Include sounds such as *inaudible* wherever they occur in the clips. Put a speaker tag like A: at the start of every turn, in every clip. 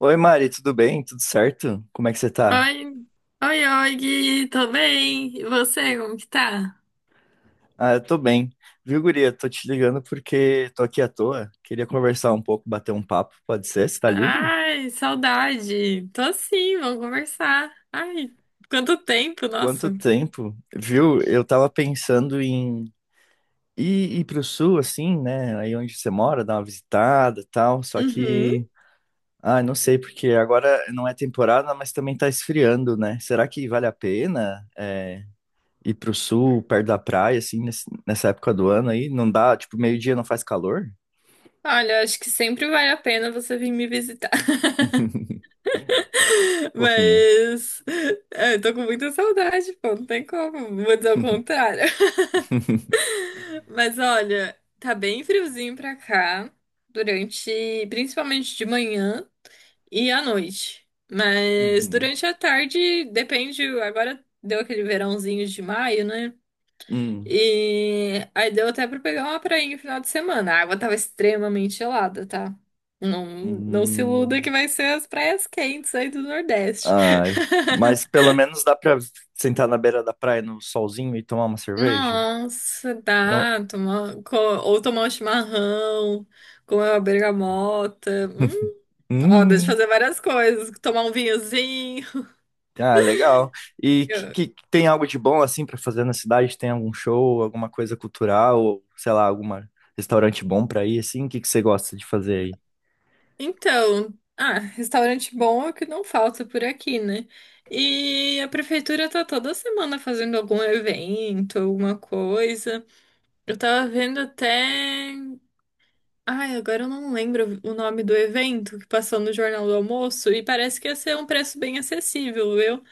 A: Oi, Mari, tudo bem? Tudo certo? Como é que você tá?
B: Oi, oi, oi, Gui, tô bem. E você, como que tá?
A: Ah, eu tô bem. Viu, guria? Tô te ligando porque tô aqui à toa. Queria conversar um pouco, bater um papo, pode ser? Você tá livre?
B: Ai, saudade. Tô sim, vamos conversar. Ai, quanto tempo,
A: Quanto
B: nossa.
A: tempo? Viu? Eu tava pensando em ir pro sul, assim, né? Aí onde você mora, dar uma visitada e tal. Só
B: Uhum.
A: que, ah, não sei, porque agora não é temporada, mas também tá esfriando, né? Será que vale a pena? Ir pro sul, perto da praia, assim, nessa época do ano aí, não dá, tipo, meio-dia não faz calor?
B: Olha, acho que sempre vale a pena você vir me visitar. *laughs*
A: Fofinha.
B: Mas é, eu tô com muita saudade, pô, não tem como, vou dizer o contrário. *laughs*
A: *laughs*
B: Mas olha, tá bem friozinho pra cá, durante, principalmente de manhã. E à noite. Mas
A: Uhum.
B: durante a tarde, depende. Agora deu aquele verãozinho de maio, né?
A: Hum.
B: E aí deu até pra pegar uma prainha no final de semana. A água tava extremamente gelada, tá? Não, não se iluda que
A: Uhum.
B: vai ser as praias quentes aí do Nordeste.
A: Ai, mas
B: *laughs*
A: pelo menos dá pra sentar na beira da praia no solzinho e tomar uma cerveja?
B: Nossa,
A: Não.
B: dá. Ou tomar um chimarrão, comer uma bergamota. Ó, dá de
A: Hum.
B: fazer várias coisas. Tomar um vinhozinho.
A: Ah, legal. E
B: *laughs*
A: tem algo de bom assim pra fazer na cidade? Tem algum show, alguma coisa cultural, ou sei lá, algum restaurante bom pra ir assim? O que que você gosta de fazer aí?
B: Então, restaurante bom é o que não falta por aqui, né? E a prefeitura tá toda semana fazendo algum evento, alguma coisa. Eu tava vendo até. Ai, agora eu não lembro o nome do evento que passou no Jornal do Almoço e parece que ia ser um preço bem acessível, viu?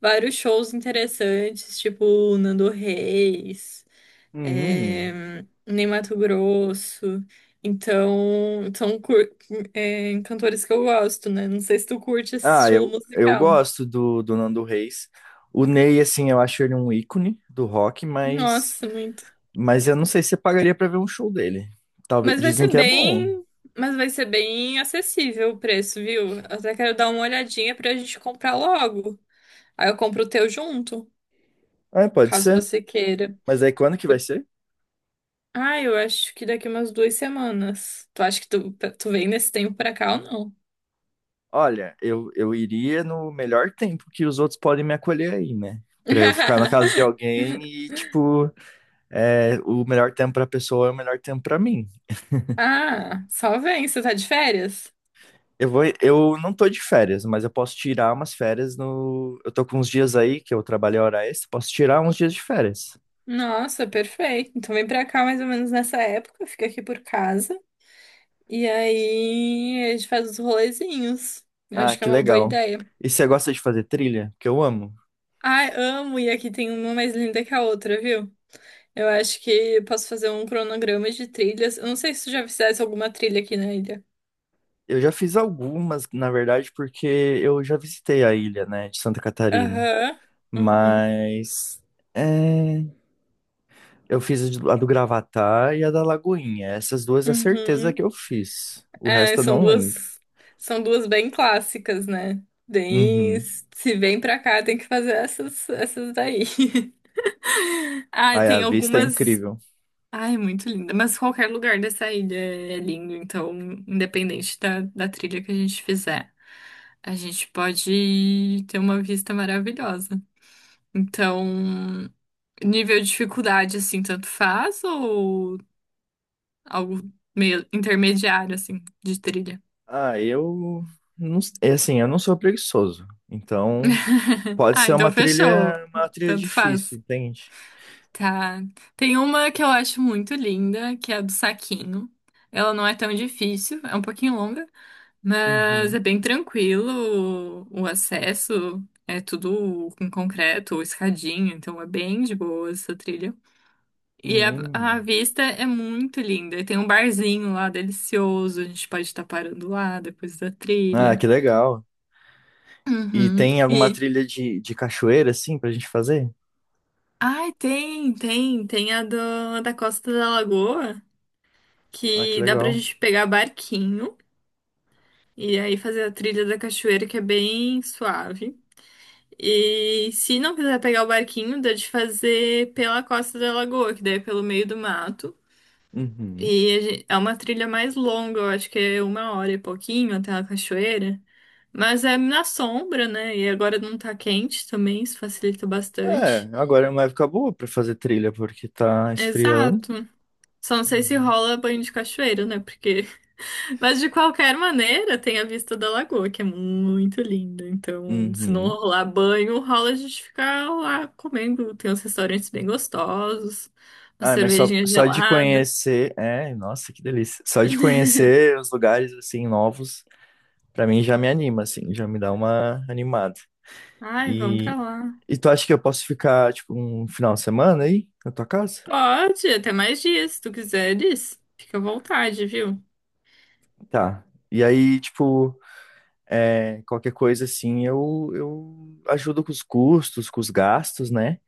B: Vários shows interessantes, tipo o Nando Reis,
A: Hum.
B: eh, nem Mato Grosso. Então, são cantores que eu gosto, né? Não sei se tu curte esse
A: Ah,
B: estilo
A: eu
B: musical.
A: gosto do Nando Reis. O Ney, assim, eu acho ele um ícone do rock, mas
B: Nossa, muito.
A: Mas eu não sei se pagaria pra ver um show dele. Talvez
B: Mas vai
A: dizem
B: ser
A: que é bom.
B: bem, mas vai ser bem acessível o preço, viu? Eu até quero dar uma olhadinha pra gente comprar logo. Aí eu compro o teu junto,
A: É, pode
B: caso
A: ser.
B: você queira.
A: Mas aí quando que vai
B: Por-
A: ser?
B: eu acho que daqui umas 2 semanas. Tu acha que tu, vem nesse tempo pra cá ou não?
A: Olha, eu iria no melhor tempo que os outros podem me acolher aí, né? Pra eu ficar na casa de
B: *laughs*
A: alguém e, tipo, é, o melhor tempo pra pessoa é o melhor tempo pra mim.
B: Só vem, você tá de férias?
A: Eu não tô de férias, mas eu posso tirar umas férias no. Eu tô com uns dias aí que eu trabalhei hora extra, posso tirar uns dias de férias.
B: Nossa, perfeito. Então vem pra cá mais ou menos nessa época, fica aqui por casa. E aí a gente faz os rolezinhos. Eu
A: Ah,
B: acho que é
A: que
B: uma boa
A: legal.
B: ideia.
A: E você gosta de fazer trilha? Que eu amo.
B: Ai, amo, e aqui tem uma mais linda que a outra, viu? Eu acho que eu posso fazer um cronograma de trilhas. Eu não sei se tu já fizesse alguma trilha aqui na ilha.
A: Eu já fiz algumas, na verdade, porque eu já visitei a ilha, né, de Santa Catarina.
B: Aham. Uhum.
A: Mas é, eu fiz a do Gravatá e a da Lagoinha. Essas duas é certeza
B: Uhum.
A: que eu fiz. O
B: É,
A: resto eu
B: são
A: não lembro.
B: duas, são duas bem clássicas, né? Bem,
A: Uhum.
B: se vem pra cá, tem que fazer essas daí. *laughs* Ai,
A: Ai, a
B: tem
A: vista é
B: algumas.
A: incrível.
B: Ai, muito linda. Mas qualquer lugar dessa ilha é lindo, então, independente da trilha que a gente fizer, a gente pode ter uma vista maravilhosa. Então, nível de dificuldade, assim, tanto faz ou algo meio intermediário, assim, de trilha?
A: Ah, eu não, é assim, eu não sou preguiçoso. Então,
B: *laughs*
A: pode
B: Ah,
A: ser
B: então fechou.
A: uma trilha
B: Tanto
A: difícil,
B: faz.
A: entende?
B: Tá. Tem uma que eu acho muito linda, que é a do saquinho. Ela não é tão difícil, é um pouquinho longa, mas é
A: Uhum.
B: bem tranquilo o acesso. É tudo com concreto, ou escadinha, então é bem de boa essa trilha. E a,
A: Hum.
B: vista é muito linda. E tem um barzinho lá delicioso, a gente pode estar parando lá depois da trilha.
A: Ah, que legal. E
B: Uhum.
A: tem alguma trilha de cachoeira, assim, pra gente fazer?
B: Ai, tem, tem. Tem a da Costa da Lagoa,
A: Ah, que
B: que dá pra
A: legal.
B: gente pegar barquinho e aí fazer a trilha da cachoeira, que é bem suave. E se não quiser pegar o barquinho, dá de fazer pela Costa da Lagoa, que daí é pelo meio do mato.
A: Uhum.
B: É uma trilha mais longa, eu acho que é uma hora e pouquinho até a cachoeira. Mas é na sombra, né? E agora não tá quente também, isso facilita
A: É,
B: bastante.
A: agora é uma época boa pra fazer trilha, porque tá esfriando.
B: Exato. Só não sei se
A: Uhum.
B: rola banho de cachoeira, né? Porque. *laughs* Mas de qualquer maneira, tem a vista da lagoa, que é muito linda. Então, se não
A: Uhum.
B: rolar banho, rola a gente ficar lá comendo. Tem uns restaurantes bem gostosos, uma
A: Ah, mas
B: cervejinha
A: só de
B: gelada.
A: conhecer. É, nossa, que delícia. Só de conhecer os lugares, assim, novos, pra mim já me anima, assim, já me dá uma animada.
B: Ai, vamos pra
A: E,
B: lá.
A: e tu acha que eu posso ficar, tipo, um final de semana aí, na tua casa?
B: Pode, até mais dias, se tu quiseres. Fica à vontade, viu?
A: Tá. E aí, tipo. É, qualquer coisa assim, eu ajudo com os custos, com os gastos, né?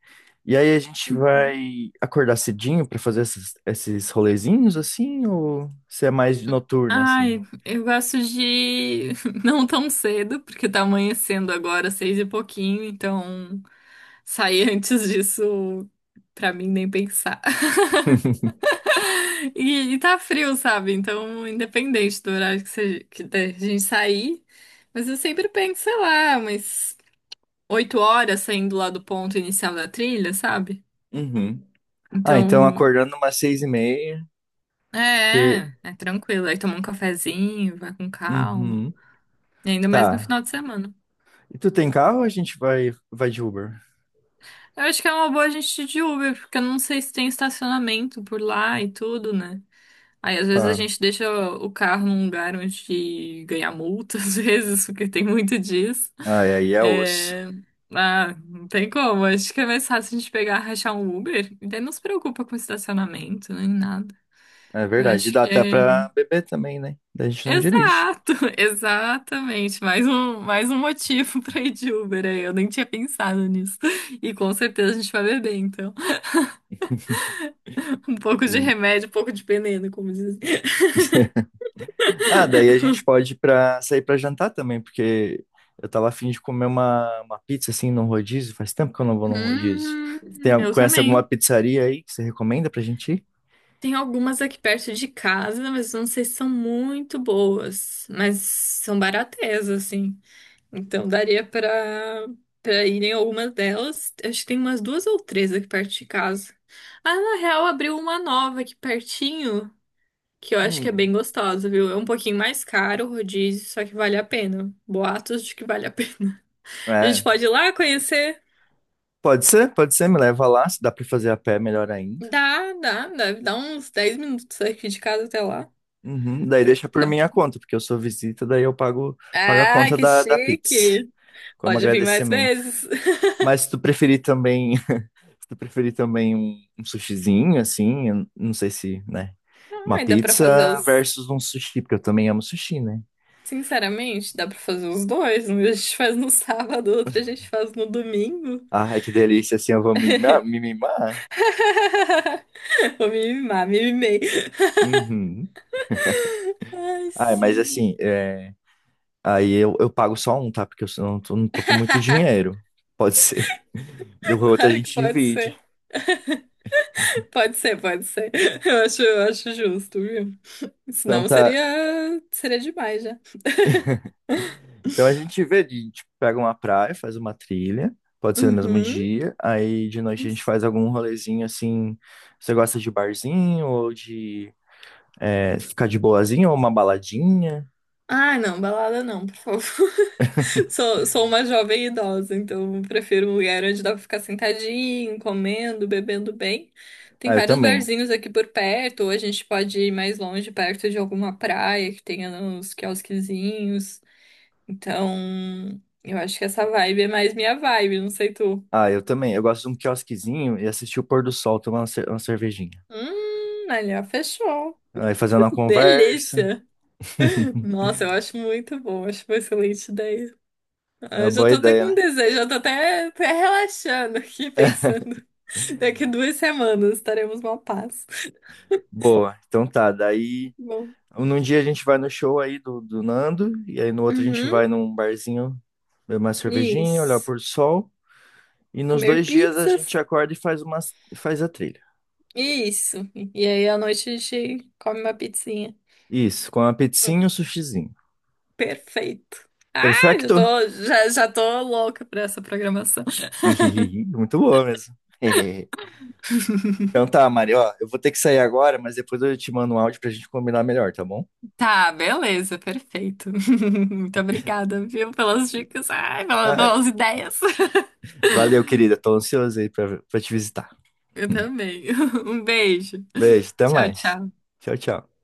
A: E aí a gente vai acordar cedinho pra fazer esses rolezinhos assim, ou você é mais de noturna assim?
B: Ai, eu gosto de *laughs* não tão cedo, porque tá amanhecendo agora, seis e pouquinho, então sair *laughs* antes disso, pra mim, nem pensar. *laughs*
A: *laughs*
B: E tá frio, sabe? Então, independente do horário que, seja, que da gente sair, mas eu sempre penso, sei lá, umas 8 horas saindo lá do ponto inicial da trilha, sabe?
A: Uhum. Ah, então
B: Então,
A: acordando umas seis e meia. Que...
B: é tranquilo. Aí toma um cafezinho, vai com calma.
A: Uhum.
B: E ainda mais no
A: Tá.
B: final de semana.
A: E tu tem carro ou a gente vai de Uber?
B: Eu acho que é uma boa a gente ir de Uber, porque eu não sei se tem estacionamento por lá e tudo, né? Aí às vezes a
A: Tá.
B: gente deixa o carro num lugar onde ganha multa, *laughs* às vezes, porque tem muito disso.
A: Ah, e aí é osso.
B: É... Ah, não tem como. Acho que é mais fácil a gente pegar, rachar um Uber. E daí não se preocupa com estacionamento, nem nada.
A: É
B: Eu
A: verdade. E
B: acho
A: dá
B: que
A: até
B: é.
A: pra beber também, né? Daí a gente não dirige.
B: Exato, *laughs* exatamente. Mais um motivo *laughs* pra ir de Uber aí. Eu nem tinha pensado nisso. E com certeza a gente vai beber, então. Um pouco de
A: Hum.
B: remédio, um pouco de veneno, como dizem.
A: *laughs* Ah, daí a gente pode para sair para jantar também, porque eu tava afim de comer uma pizza assim num rodízio. Faz tempo que eu não vou num rodízio.
B: Hum,
A: Tem,
B: eu
A: conhece alguma
B: também.
A: pizzaria aí que você recomenda pra gente ir?
B: Tem algumas aqui perto de casa, mas não sei se são muito boas. Mas são baratas, assim. Então daria pra, ir em algumas delas. Acho que tem umas duas ou três aqui perto de casa. Ah, na real, abriu uma nova aqui pertinho, que eu acho que é bem
A: Hum.
B: gostosa, viu? É um pouquinho mais caro o rodízio, só que vale a pena. Boatos de que vale a pena. *laughs* A gente
A: É,
B: pode ir lá conhecer.
A: pode ser, me leva lá, se dá pra fazer a pé, melhor ainda.
B: Dá, dá, deve dar uns 10 minutos aqui de casa até lá.
A: Uhum, daí deixa por
B: Não.
A: minha conta, porque eu sou visita, daí eu pago a
B: Ah,
A: conta
B: que
A: da Pix,
B: chique!
A: como
B: Pode vir mais
A: agradecimento.
B: vezes. *laughs*
A: Mas se tu preferir também, *laughs* se tu preferir também um sushizinho, assim, eu não sei se, né, uma
B: Ai, dá pra fazer
A: pizza
B: os.
A: versus um sushi, porque eu também amo sushi, né?
B: Sinceramente, dá pra fazer os dois. Um a gente faz no sábado, outro a gente faz no domingo.
A: Ah, é que delícia, assim, eu vou me mimar.
B: *laughs* Vou me mimar, me mimei.
A: Uhum.
B: Ai,
A: Ah, mas
B: sim.
A: assim, é, aí eu pago só um, tá? Porque eu não não tô com muito
B: *laughs*
A: dinheiro. Pode ser. *laughs* Do outro a
B: Claro
A: gente
B: que pode
A: divide.
B: ser. Pode ser, pode ser. Eu acho justo, viu?
A: Então
B: Senão
A: tá,
B: seria demais já.
A: então a gente vê, a gente pega uma praia, faz uma trilha, pode ser no mesmo
B: Uhum.
A: dia, aí de noite a gente faz algum rolezinho assim. Você gosta de barzinho ou de é, ficar de boazinha ou uma baladinha?
B: Ah, não, balada não, por favor. *laughs* Sou uma jovem idosa, então prefiro um lugar onde dá pra ficar sentadinho, comendo, bebendo bem. Tem
A: Ah, eu
B: vários
A: também.
B: barzinhos aqui por perto, ou a gente pode ir mais longe, perto de alguma praia que tenha uns quiosquezinhos. Então, eu acho que essa vibe é mais minha vibe, não sei tu.
A: Ah, eu também. Eu gosto de um quiosquezinho e assistir o pôr do sol, tomar uma uma cervejinha.
B: Ali, ó, fechou.
A: Aí fazendo uma conversa.
B: Delícia!
A: *laughs*
B: Nossa, eu acho muito bom, acho uma excelente ideia.
A: É
B: Ah,
A: uma
B: eu já
A: boa
B: tô até
A: ideia,
B: com
A: né?
B: desejo, eu tô até, relaxando aqui, pensando. *laughs* Daqui 2 semanas estaremos numa paz.
A: Boa. Então tá, daí
B: Bom.
A: num dia a gente vai no show aí do Nando, e aí no outro a gente
B: Uhum,
A: vai num barzinho beber uma cervejinha, olhar o
B: isso.
A: pôr do sol. E nos
B: Comer
A: dois dias a
B: pizzas?
A: gente acorda e faz, uma, faz a trilha.
B: Isso. E aí à noite a gente come uma pizzinha.
A: Isso, com a
B: Hum,
A: pizzinha e o sushizinho.
B: Perfeito. Ah, já
A: Perfecto?
B: tô, já tô louca pra essa programação.
A: Ihihihi, *laughs* muito boa mesmo. *laughs* Então tá, Mari, ó, eu vou ter que sair agora, mas depois eu te mando um áudio pra gente combinar melhor, tá bom?
B: Tá, beleza, perfeito. *laughs* Muito obrigada, viu, pelas dicas, ai, pelas
A: Ah,
B: pelas ideias.
A: valeu, querida. Tô ansioso aí pra te visitar.
B: *laughs* Eu também. *laughs* Um beijo.
A: Beijo, até
B: Tchau,
A: mais.
B: tchau.
A: Tchau, tchau.